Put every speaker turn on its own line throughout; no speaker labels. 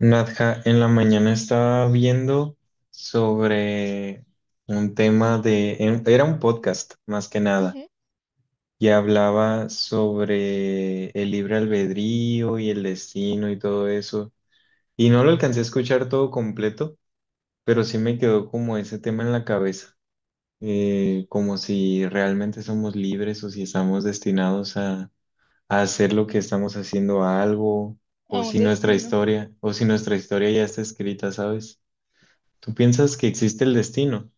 Nadja, en la mañana estaba viendo sobre un tema de, era un podcast más que nada,
Ujú.
y hablaba sobre el libre albedrío y el destino y todo eso. Y no lo alcancé a escuchar todo completo, pero sí me quedó como ese tema en la cabeza, como si realmente somos libres o si estamos destinados a hacer lo que estamos haciendo a algo, o
A un
si nuestra
destino.
historia, o si nuestra historia ya está escrita, ¿sabes? ¿Tú piensas que existe el destino?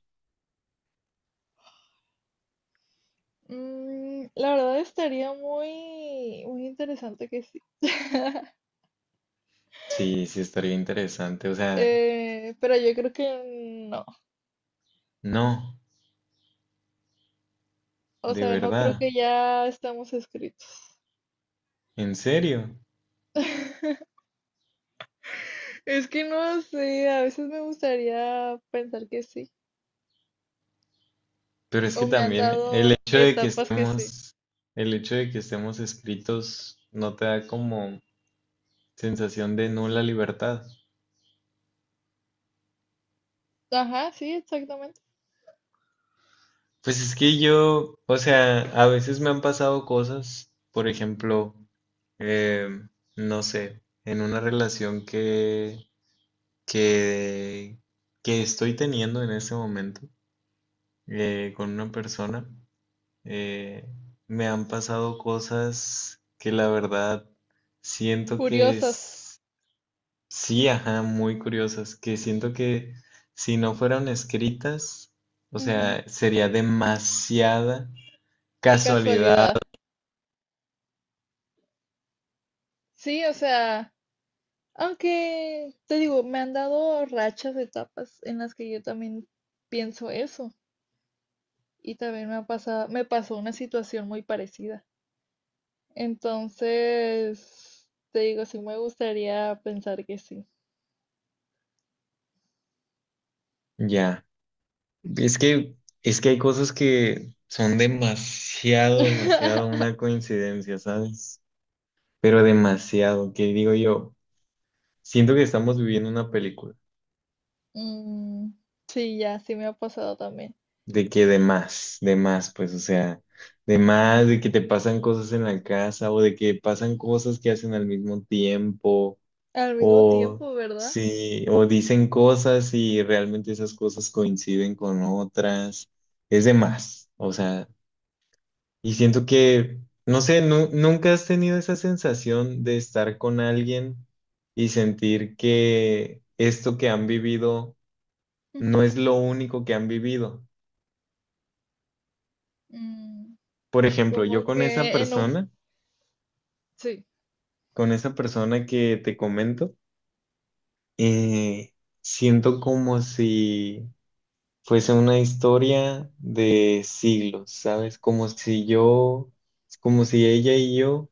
La verdad estaría muy, muy interesante que sí.
Sí, sí, estaría interesante. O sea,
Pero yo creo que no.
no,
O
de
sea, no creo
verdad,
que ya estamos escritos.
en serio.
Es que no sé, a veces me gustaría pensar que sí.
Pero es que
O me han
también el
dado
hecho de que
etapas que sí.
estemos, el hecho de que estemos escritos no te da como sensación de nula libertad.
Ajá, sí, exactamente.
Pues es que yo, o sea, a veces me han pasado cosas, por ejemplo, eh, no sé, en una relación que, que estoy teniendo en este momento. Con una persona. eh, me han pasado cosas que la verdad siento que
Curiosas.
es- sí, ajá, muy curiosas, que siento que si no fueran escritas, o
Ujú.
sea, sería demasiada casualidad.
Casualidad. Sí, o sea. Aunque, te digo, me han dado rachas, de etapas en las que yo también pienso eso. Y también me ha pasado, me pasó una situación muy parecida. Entonces, te digo, sí me gustaría pensar que sí.
Ya, es que, es que hay cosas que son demasiado, demasiado una coincidencia, ¿sabes? Pero demasiado, que digo yo, siento que estamos viviendo una película.
Mm, sí, ya, sí me ha pasado también.
De que de más, pues, o sea, de más, de que te pasan cosas en la casa o de que pasan cosas que hacen al mismo tiempo
Al mismo
o
tiempo, ¿verdad?
sí, o dicen cosas y realmente esas cosas coinciden con otras, es de más, o sea, y siento que, no sé, nunca has tenido esa sensación de estar con alguien y sentir que esto que han vivido no
Ujú.
es lo único que han vivido.
Mm,
Por ejemplo, yo
como que en un... Sí,
con esa persona que te comento, eh, siento como si fuese una historia de siglos, ¿sabes? Como si yo, como si ella y yo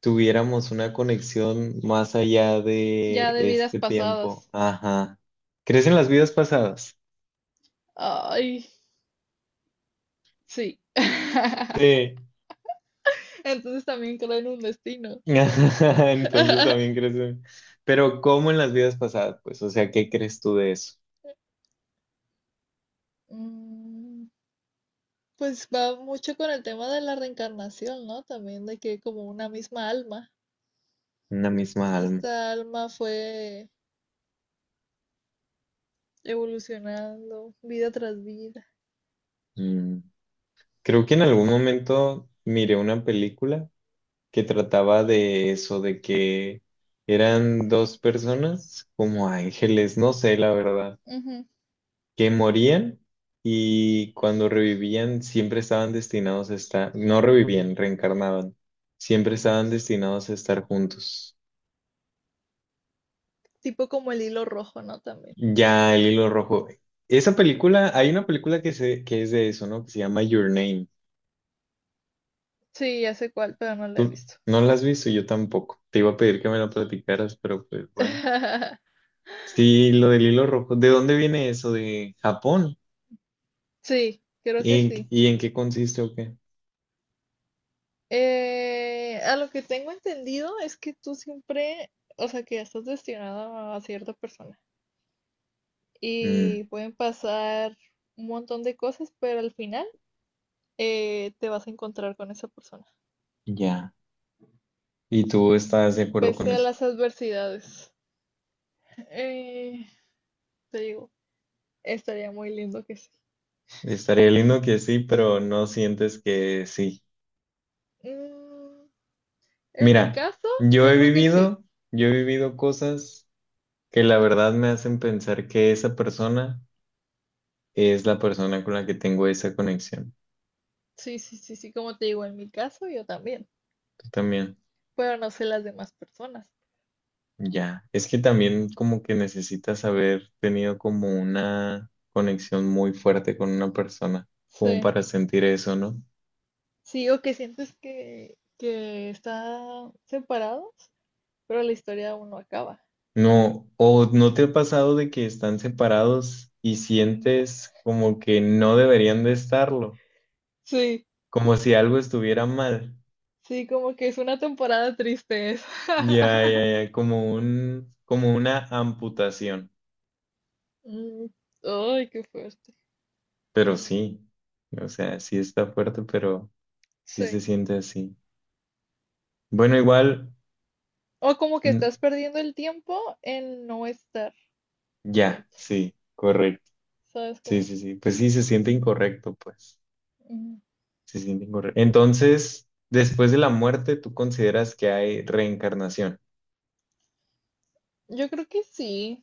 tuviéramos una conexión más allá
ya
de
de vidas
este tiempo.
pasadas.
Ajá. ¿Crees en las vidas pasadas?
Ay, sí.
Sí.
Entonces también creo en un destino.
Entonces también crees en... Pero ¿cómo en las vidas pasadas? Pues, o sea, ¿qué crees tú de eso?
Mm, Pues va mucho con el tema de la reencarnación, ¿no? También de que como una misma alma,
Una misma alma.
esta alma fue evolucionando vida tras vida.
Mm, creo que en algún momento miré una película que trataba de eso, de que eran dos personas como ángeles, no sé la verdad,
Ujú.
que morían y cuando revivían siempre estaban destinados a estar, no revivían, reencarnaban, siempre estaban destinados a estar juntos.
Tipo como el hilo rojo, ¿no? También.
Ya el hilo rojo. Esa película, hay una película que, se, que es de eso, ¿no? Que se llama Your Name.
Sí, ya sé cuál, pero no la he
Tú
visto.
no la has visto, yo tampoco. Te iba a pedir que me lo platicaras, pero pues bueno. Sí, lo del hilo rojo. ¿De dónde viene eso? ¿De Japón?
Sí, creo que sí.
Y en qué consiste o qué?
A lo que tengo entendido es que tú siempre, o sea, que estás destinado a cierta persona y
Mm,
pueden pasar un montón de cosas, pero al final te vas a encontrar con esa persona,
ya. ¿Y tú estás de acuerdo con
pese a
eso?
las adversidades. Eh, te digo, estaría muy lindo que sí.
Estaría lindo que sí, pero no sientes que sí.
Mm, en mi
Mira,
caso,
yo
yo
he
creo que sí.
vivido, yo he vivido cosas que la verdad me hacen pensar que esa persona es la persona con la que tengo esa conexión.
Sí, sí, sí, sí, como te digo, en mi caso yo también,
Tú también.
pero no sé las demás personas.
Ya, es que también como que necesitas haber tenido como una conexión muy fuerte con una persona, como
Sí,
para sentir eso, ¿no?
sí, o que sientes que están separados, pero la historia aún no acaba.
No, o no te ha pasado de que están separados y sientes como que no deberían de estarlo,
Sí,
como si algo estuviera mal.
sí, como que es una temporada triste esa.
Ya, ya, ya, como un, como una amputación.
Mm, ay, qué fuerte.
Pero sí, o sea, sí está fuerte, pero sí se
Sí.
siente así. Bueno, igual,
O como que
mm,
estás perdiendo el tiempo en no estar
ya,
juntos.
sí, correcto.
¿Sabes
Sí,
cómo?
sí, sí. Pues sí, se siente incorrecto, pues.
Ujú.
Se siente incorrecto. Entonces, después de la muerte, tú consideras que hay reencarnación.
Yo creo que sí,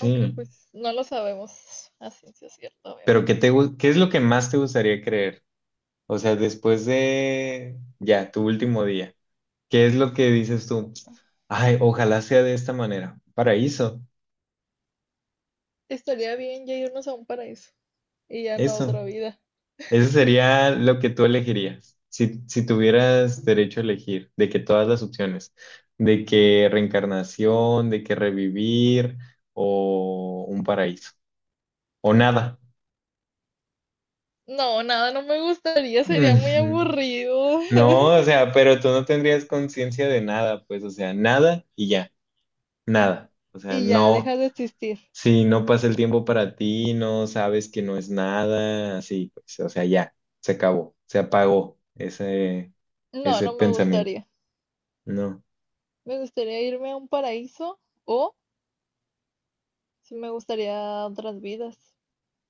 aunque pues no lo sabemos a ciencia cierta,
Pero ¿qué
obviamente.
te, qué es lo que más te gustaría creer? O sea, después de ya, tu último día, ¿qué es lo que dices tú? Ay, ojalá sea de esta manera. Paraíso,
Estaría bien ya irnos a un paraíso y ya no a
eso.
otra vida.
Eso sería lo que tú elegirías, si, si
Mm.
tuvieras derecho a elegir, de que todas las opciones, de que reencarnación, de que revivir o un paraíso, o nada.
No, nada, no me gustaría, sería muy
Ujú.
aburrido.
No, o sea, pero tú no tendrías conciencia de nada, pues, o sea, nada y ya, nada. O sea,
Y ya,
no,
dejas de existir.
si no pasa el tiempo para ti, no sabes que no es nada, así, pues, o sea, ya, se acabó, se apagó ese,
No,
ese
no me
pensamiento.
gustaría.
No.
Me gustaría irme a un paraíso o sí me gustaría otras vidas,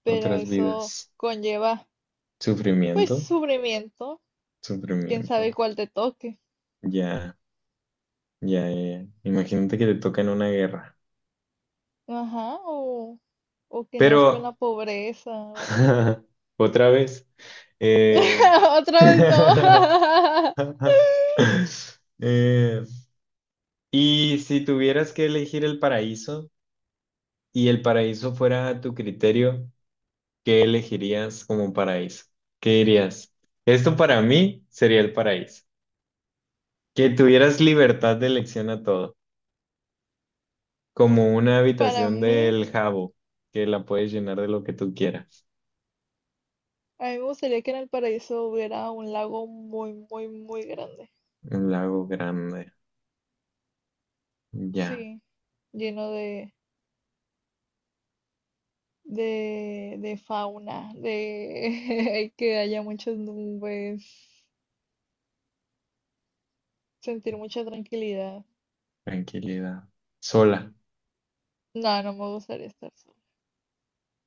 pero
Otras
eso
vidas.
conlleva pues
Sufrimiento,
sufrimiento, quién sabe
sufrimiento.
cuál te toque.
Ya, ya, ya. Imagínate que te toca en una guerra.
Ajá, o que nazco en la
Pero,
pobreza o algo así.
otra vez, eh,
Otra vez no.
eh, y si tuvieras que elegir el paraíso y el paraíso fuera a tu criterio, ¿qué elegirías como paraíso? ¿Qué dirías? Esto para mí sería el paraíso. Que tuvieras libertad de elección a todo. Como una
Para
habitación
mí,
del Jabo, que la puedes llenar de lo que tú quieras.
a mí me gustaría que en el paraíso hubiera un lago muy, muy, muy grande.
Un lago grande. Ya,
Sí, lleno de, de fauna, de que haya muchas nubes, sentir mucha tranquilidad.
tranquilidad. Sola.
No, no me gustaría estar.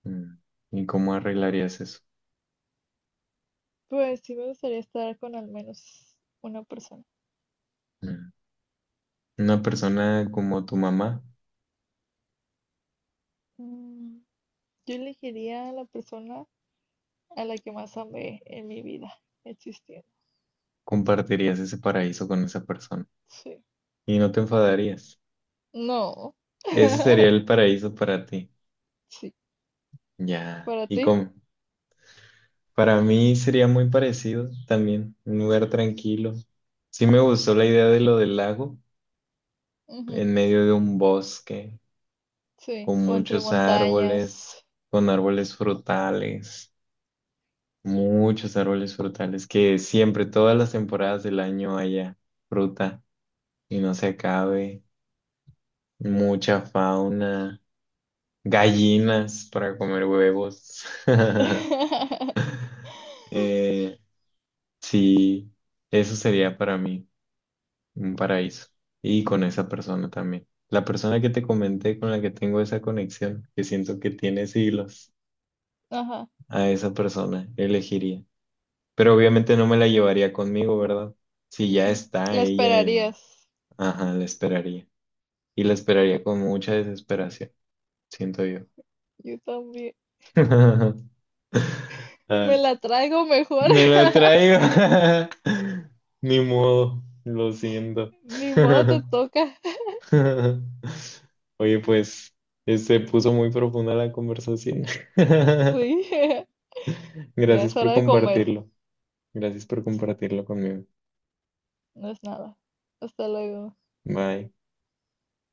Mm. ¿Y cómo arreglarías eso?
Pues sí me gustaría estar con al menos una persona.
Mm. Una persona como tu mamá,
Mm. Yo elegiría a la persona a la que más amé en mi vida existiendo.
compartirías ese paraíso con esa persona
Sí.
y no te enfadarías.
No.
Ese sería el paraíso para ti.
Sí.
Ya.
Para
¿Y
ti.
cómo? Para mí sería muy parecido también, un lugar tranquilo. Sí me gustó la idea de lo del lago
Ujú.
en medio de un bosque
Sí.
con
O entre
muchos
montañas.
árboles, con árboles frutales, muchos árboles frutales, que siempre, todas las temporadas del año haya fruta y no se acabe, mucha fauna, gallinas para comer huevos. Eh, sí, eso sería para mí un paraíso y con esa persona también. La persona que te comenté con la que tengo esa conexión, que siento que tiene siglos,
Ajá.
a esa persona elegiría. Pero obviamente no me la llevaría conmigo, ¿verdad? Si ya
Mm.
está
La
ella en...
esperarías.
Ajá, la esperaría. Y la esperaría con mucha desesperación, siento yo.
Yo también. Me
Ah,
la traigo mejor.
me lo traigo. Ni modo, lo siento.
Ni modo te toca.
Oye, pues, se puso muy profunda la conversación.
Sí. Ya es
Gracias por
hora de comer.
compartirlo. Gracias por compartirlo conmigo.
No es nada. Hasta luego.
Bye.